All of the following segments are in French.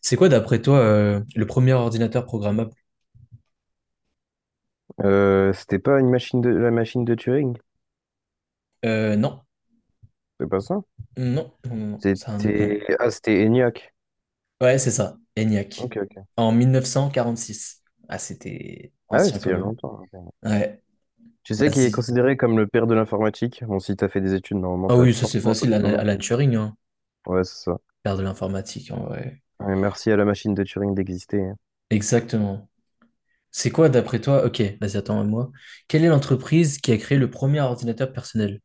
C'est quoi, d'après toi, le premier ordinateur programmable? C'était pas une machine de la machine de Turing? Non, C'est pas ça? non, non, non, non, ça a un autre nom. C'était ENIAC. Ouais, c'est ça, ENIAC. Ok, ok. En 1946. Ah, c'était Ah ouais, ancien c'était quand il y a même. longtemps. Ok. Ouais, Tu sais qu'il est vas-y. considéré comme le père de l'informatique. Bon, si t'as fait des études, normalement Ah t'as oui, ça c'est forcément facile, entendu son Alan nom. Alan Turing, hein. Ouais, c'est ça. Faire de l'informatique, en vrai. Ouais, merci à la machine de Turing d'exister, hein. Exactement. C'est quoi, d'après toi? Ok, vas-y, attends à moi. Quelle est l'entreprise qui a créé le premier ordinateur personnel?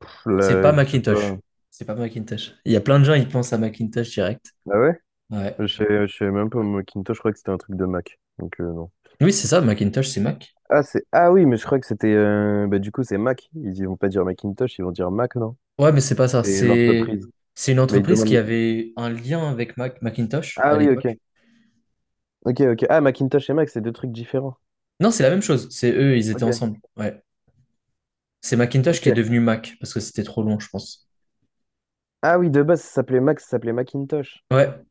Pff, C'est pas là, je sais pas. Macintosh. C'est pas Macintosh. Il y a plein de gens, ils pensent à Macintosh direct. Ah ouais? Ouais. Je sais même pas, moi, Macintosh, je crois que c'était un truc de Mac. Donc non. Oui, c'est ça, Macintosh, c'est Mac. Ah c'est ah oui, mais je crois que c'était bah du coup c'est Mac. Ils vont pas dire Macintosh, ils vont dire Mac, non? Ouais, mais c'est pas ça. C'est C'est l'entreprise. c'est une Mais ils entreprise qui demandent. avait un lien avec Macintosh Ah à oui, ok. l'époque. Ok, ok. Ah, Macintosh et Mac, c'est deux trucs différents. Non, c'est la même chose. C'est eux, ils étaient Ok, ensemble. Ouais. C'est Macintosh qui est ok. devenu Mac parce que c'était trop long, je pense. Ah oui, de base, ça s'appelait Mac, ça s'appelait Macintosh. Ouais.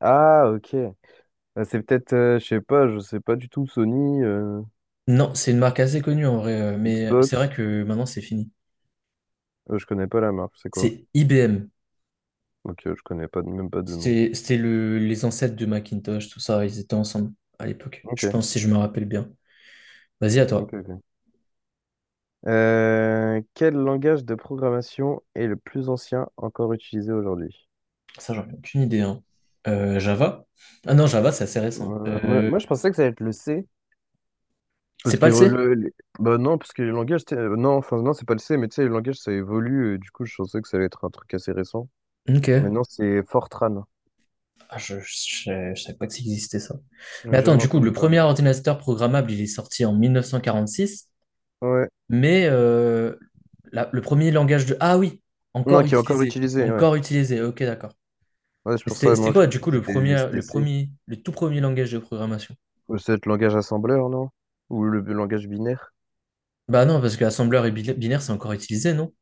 Ah, ok. Ah, c'est peut-être, je sais pas du tout, Sony, Non, c'est une marque assez connue en vrai, mais c'est vrai Xbox. que maintenant c'est fini. Je connais pas la marque, c'est quoi? C'est IBM. Ok, je connais pas, même pas de nom. C'était le les ancêtres de Macintosh, tout ça. Ils étaient ensemble à l'époque. Je Ok, pense si je me rappelle bien. Vas-y à ok, toi. ok. Quel langage de programmation est le plus ancien encore utilisé aujourd'hui? Ça, j'en ai aucune idée, hein. Java? Ah non, Java, c'est assez récent. Moi, moi, je pensais que ça allait être le C. C'est Parce pas que le C? Le- Bah non, parce que le langage, t'sais, non, enfin non, c'est pas le C, mais tu sais, le langage ça évolue, et du coup je pensais que ça allait être un truc assez récent. Mais Ok. non, c'est Fortran. Ah, je savais pas que ça existait ça. Mais J'ai attends, jamais du coup, entendu le premier parler. ordinateur programmable, il est sorti en 1946, Ouais. mais le premier langage de... Ah oui, Non, qui est encore utilisé, ouais. encore utilisé, ok, d'accord. Ouais, c'est Mais pour C'était ça, c'était moi quoi, j'ai du cru coup, que le c'était premier, c'était le C. premier, le tout premier langage de programmation? Ou c'est le langage assembleur, non? Ou le langage binaire? Bah non, parce que assembleur et binaire, c'est encore utilisé, non?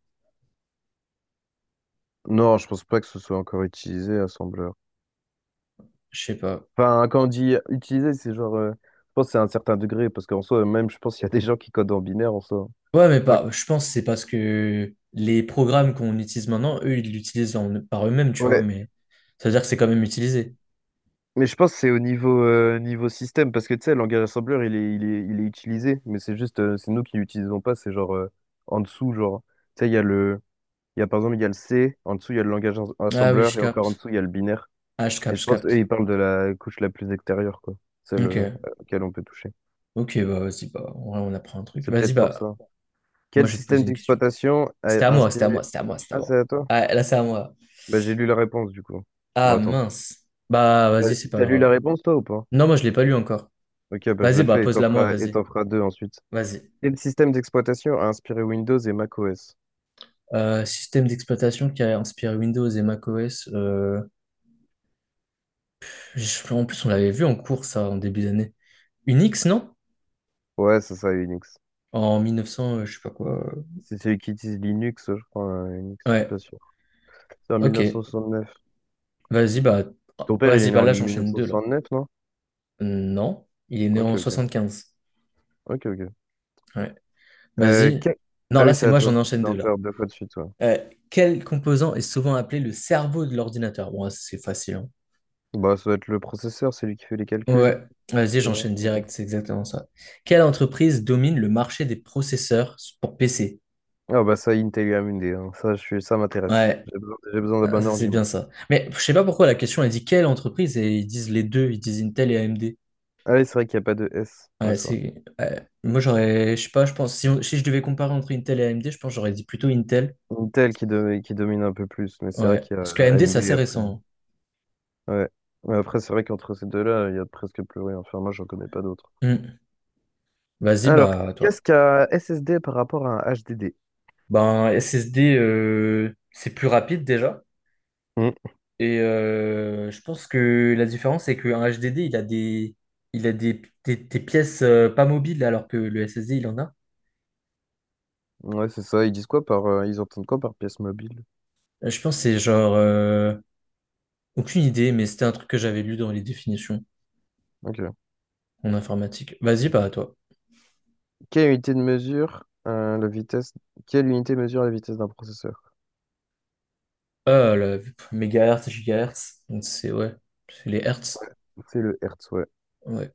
Non, je pense pas que ce soit encore utilisé, assembleur. Je sais pas. Enfin, quand on dit utiliser c'est genre, je pense que c'est à un certain degré, parce qu'en soi, même je pense qu'il y a des gens qui codent en binaire en soi. Ouais, mais Ouais. pas, je pense que c'est parce que les programmes qu'on utilise maintenant, eux, ils l'utilisent par eux-mêmes, tu vois, Ouais. mais ça veut dire que c'est quand même utilisé. Mais je pense que c'est au niveau, niveau système, parce que tu sais, le langage assembleur, il est utilisé, mais c'est juste, c'est nous qui l'utilisons pas, c'est genre en dessous, genre, tu sais, il y a par exemple, il y a le C, en dessous, il y a le langage Ah oui, assembleur, je et encore en capte. dessous, il y a le binaire. Ah, je Et capte, je je pense eux, capte. ils parlent de la couche la plus extérieure, quoi, celle Ok, à laquelle on peut toucher. ok, bah vas-y, bah, en vrai, on apprend un truc. C'est Vas-y, peut-être pour bah, ça. moi, Quel je vais te système poser une question. d'exploitation a C'était à moi, c'était à inspiré... moi, c'était à moi, c'était à Ah, moi. c'est à toi? Ah, là, c'est à moi. Bah, j'ai lu la réponse, du coup. Bon, Ah, attends. mince. Bah, T'as vas-y, c'est pas t'as lu grave. la réponse, toi, ou pas? Non, moi, je l'ai pas lu encore. Ok, bah, je Vas-y, la bah, fais et t'en pose-la moi, feras, et vas-y. t'en feras deux ensuite. Vas-y. Quel système d'exploitation a inspiré Windows et macOS? Système d'exploitation qui a inspiré Windows et macOS. En plus, on l'avait vu en cours, ça, en début d'année. Unix, non? Ouais, c'est ça, Unix. En 1900, je sais pas quoi. C'est celui qui utilise Linux, je crois, Unix, je suis Ouais, pas sûr. C'est en ok. 1969. Vas-y, bah, Ton père, il est vas-y, né bah, en là, j'enchaîne deux, là. 1969, non? Non, il est né Ok, en ok, 75. ok, ok. Ouais. Euh, Vas-y. que- Non, Ah là, oui, c'est c'est à moi, toi. j'en Tu enchaîne dois deux en là. faire deux fois de suite, ouais. Euh, quel composant est souvent appelé le cerveau de l'ordinateur? Bon, c'est facile, hein. Bah, ça doit être le processeur, c'est lui qui fait les calculs. Ouais. Vas-y, C'est ça? j'enchaîne Ok. direct, c'est exactement ça. Quelle entreprise domine le marché des processeurs pour PC? Ah bah ça, Intel et AMD, hein. Ça, ça m'intéresse. Ouais, J'ai besoin d'un ah, bon ça c'est ordi, bien moi. ça. Mais je sais pas pourquoi la question, elle dit quelle entreprise et ils disent les deux, ils disent Intel et AMD. Ah oui, c'est vrai qu'il n'y a pas de S. Ouais, Ouais, c'est vrai. c'est. Ouais. Moi, j'aurais. Je sais pas, je pense. Si, si je devais comparer entre Intel et AMD, je pense que j'aurais dit plutôt Intel. Intel qui domine un peu plus, mais c'est vrai Ouais. qu'il y Parce a que AMD, c'est AMD assez après. récent, Ouais. Mais après, c'est vrai qu'entre ces deux-là, il y a presque plus rien. Enfin, moi, j'en connais pas d'autres. hein. Hmm. Vas-y, Alors, bah, à toi. qu'est-ce qu'un SSD par rapport à un HDD? Ben, SSD, c'est plus rapide déjà. Hmm. Et je pense que la différence, c'est qu'un HDD, il a des pièces pas mobiles, alors que le SSD, il en a. Ouais, c'est ça. Ils entendent quoi par pièce mobile? Je pense que c'est genre... aucune idée, mais c'était un truc que j'avais lu dans les définitions Ok. en informatique. Vas-y, pas à toi. Quelle unité de mesure, euh, la vitesse, Quelle unité mesure la vitesse d'un processeur? Ah, le mégahertz, gigahertz, donc c'est ouais, c'est les hertz. C'est le Hertz, ouais. Ouais.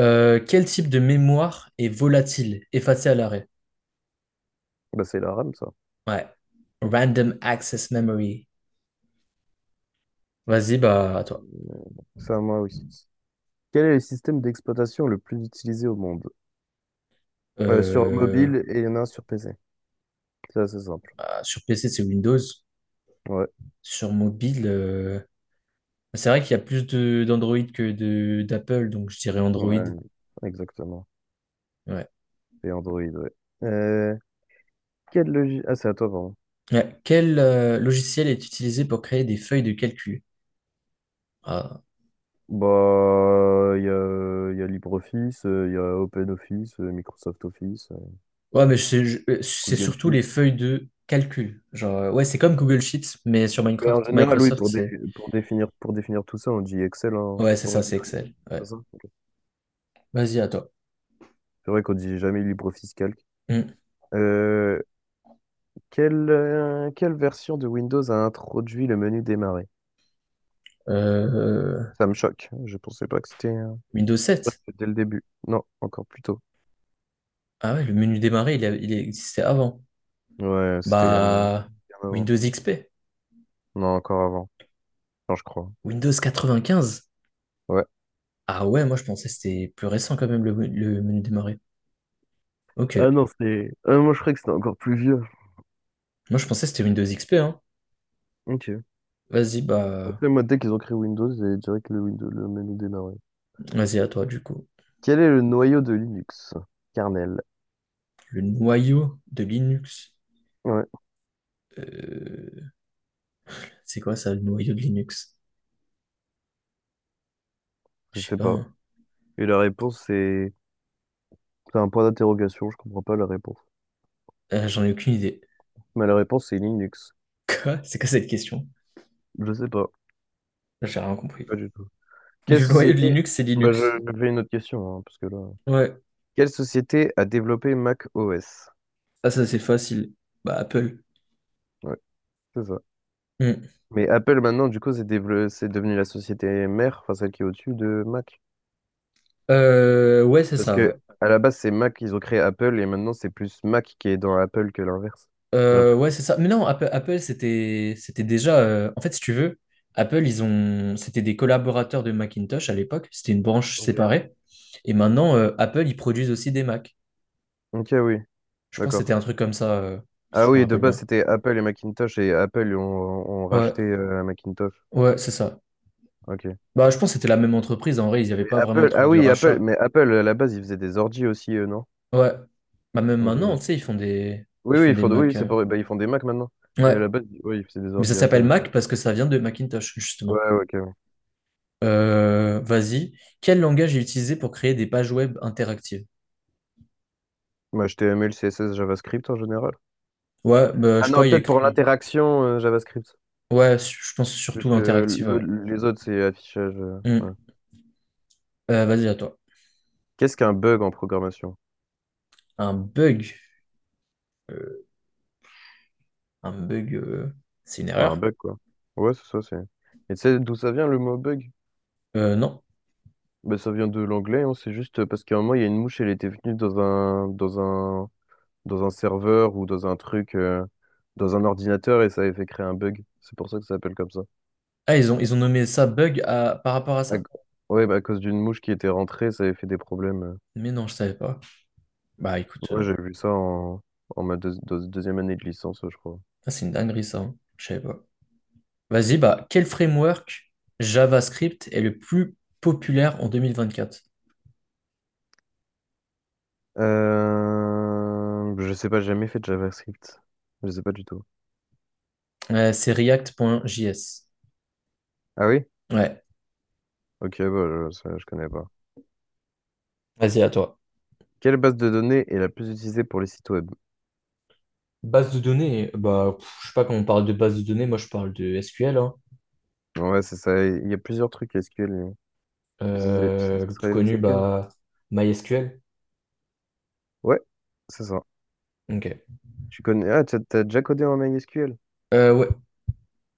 Quel type de mémoire est volatile, effacée à l'arrêt? Bah, c'est la RAM, ça. Ouais. Random access memory. Vas-y, bah, à toi. Ça, moi aussi. Quel est le système d'exploitation le plus utilisé au monde? Sur Euh, mobile et il y en a un sur PC. C'est assez simple. bah, sur PC, c'est Windows. Ouais, Sur mobile, c'est vrai qu'il y a plus de d'Android que de d'Apple, donc je dirais Android. ouais, exactement. Ouais. Et Android, ouais. Euh, Quelle logique? Ah, c'est à toi, pardon. Ouais. Quel logiciel est utilisé pour créer des feuilles de calcul? Ah. Bah, il y a LibreOffice, il y a OpenOffice, Microsoft Office, Ouais, mais c'est Google surtout Sheet. les feuilles de calcul. Genre, ouais, c'est comme Google Sheets, mais sur Mais en Minecraft, général, oui, Microsoft, c'est. Pour définir tout ça, on dit Excel, hein, Ouais, c'est pour ça, c'est généraliser. Excel. C'est Ouais. ça? Ok. Vas-y, à toi. C'est vrai qu'on dit jamais LibreOffice Calc. Hmm. Euh, quelle version de Windows a introduit le menu démarrer? Euh, Ça me choque. Je pensais pas que c'était Windows je crois que sept c'était dès le début. Non, encore plus tôt. Ah ouais, le menu démarrer, il existait avant. Ouais, c'était il y a bien Bah, avant. Windows XP, Non, encore avant. Non, je crois. Windows 95. Ouais. Ah ouais, moi je pensais que c'était plus récent quand même le menu démarrer. Ok, Ah non, c'est. Ah, moi, je croyais que c'était encore plus vieux. moi je pensais que c'était Windows XP, hein. Ok. Vas-y, bah, Après, moi, dès qu'ils ont créé Windows, j'ai direct le Windows, le menu démarré. vas-y à toi du coup. Quel est le noyau de Linux? Kernel. Le noyau de Linux. Ouais, Euh, c'est quoi ça, le noyau de Linux? je Je sais sais pas, pas. hein. Et la réponse, c'est. C'est un point d'interrogation, je comprends pas la réponse. J'en ai aucune idée. Mais la réponse, c'est Linux. Quoi? C'est quoi cette question? Je sais pas, J'ai rien compris. pas du tout. Quelle Le noyau de société. Linux, c'est Bah, je Linux. je fais une autre question, hein, parce que là. Ouais, Quelle société a développé Mac OS? ah ça c'est facile. Bah, Apple. Ouais, c'est ça. Hmm. Mais Apple, maintenant, du coup, c'est devenu la société mère, enfin celle qui est au-dessus de Mac. Ouais, c'est Parce ça, que ouais. à la base, c'est Mac, ils ont créé Apple et maintenant, c'est plus Mac qui est dans Apple que l'inverse. J'ai Ouais, l'impression. c'est ça. Mais non, Apple, c'était déjà. En fait, si tu veux, Apple, c'était des collaborateurs de Macintosh à l'époque. C'était une branche Ok. séparée. Et maintenant, Apple, ils produisent aussi des Mac. Ok, oui, Je pense que c'était d'accord. un truc comme ça, si Ah je me oui, de rappelle base, bien. c'était Apple et Macintosh et Apple ont Ouais, racheté Macintosh. ouais, c'est ça. Ok. Bah, je pense que c'était la même entreprise. En vrai, il n'y avait Mais pas vraiment de Apple, truc ah de oui, Apple, rachat. mais Apple, à la base, ils faisaient des ordi aussi, eux, non? Ouais. Bah, même Ok, maintenant, tu oui. sais, ils font des, ils Oui, oui, font ils des font, Mac. oui, c'est pour, bah, ils font des Mac maintenant. Mais Ouais. à la base, oui, ils faisaient des Mais ça ordi s'appelle Apple, ok. Mac parce que ça vient de Macintosh. Ouais, ouais, ok, oui. Vas-y. Quel langage est utilisé pour créer des pages web interactives? Bah, HTML, CSS, JavaScript en général. Ouais, bah, je Ah sais non, pas, il y a peut-être pour écrit. l'interaction JavaScript. Ouais, je pense Plus surtout que interactive, ouais. Les autres, c'est affichage. Hmm. Ouais. Vas-y, à toi. Qu'est-ce qu'un bug en programmation? Un bug. Euh, un bug, c'est une Bah, un erreur? bug, quoi. Ouais, c'est ça, c'est. Et tu sais d'où ça vient le mot bug? Non. Bah, ça vient de l'anglais, hein, c'est juste parce qu'à un moment, il y a une mouche, elle était venue dans un, serveur ou dans un truc, dans un ordinateur et ça avait fait créer un bug. C'est pour ça que ça s'appelle comme ça. Ah, ils ont nommé ça bug par rapport à À- ça? Ouais, bah, à cause d'une mouche qui était rentrée, ça avait fait des problèmes. Mais non, je savais pas. Bah écoute, Ouais, j'ai vu ça en ma deuxième année de licence, je crois. ah, c'est une dinguerie ça, hein. Je savais pas. Vas-y, bah, quel framework JavaScript est le plus populaire en 2024? Je sais pas, j'ai jamais fait de JavaScript. Je sais pas du tout. C'est React.js. Ah oui? Ouais, Ok, bah, ça, je connais pas. vas-y, à toi. Quelle base de données est la plus utilisée pour les sites web? Base de données, bah, pff, je sais pas quand on parle de base de données, moi je parle de SQL, hein. Ouais, c'est ça. Il y a plusieurs trucs SQL. Tu sais, c'est tu sais Le ce plus serait- c'est connu, lequel? bah, MySQL. Ouais, c'est ça. Ok. Tu connais. Ah, t'as déjà codé en MySQL? Ouais.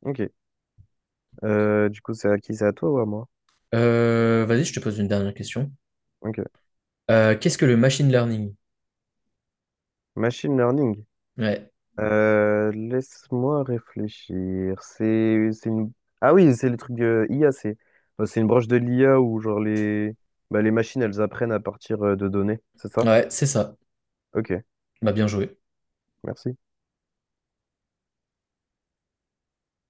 Ok. Du coup, c'est à qui? C'est à toi ou à moi? Vas-y, je te pose une dernière question. Ok. Qu'est-ce que le machine learning? Machine learning. Ouais, Laisse-moi réfléchir. C'est une. Ah oui, c'est le truc de IA. Bah, c'est une branche de l'IA où genre bah, les machines elles apprennent à partir de données. C'est ça? ouais, c'est ça. Ok. Bah, bien joué. Merci.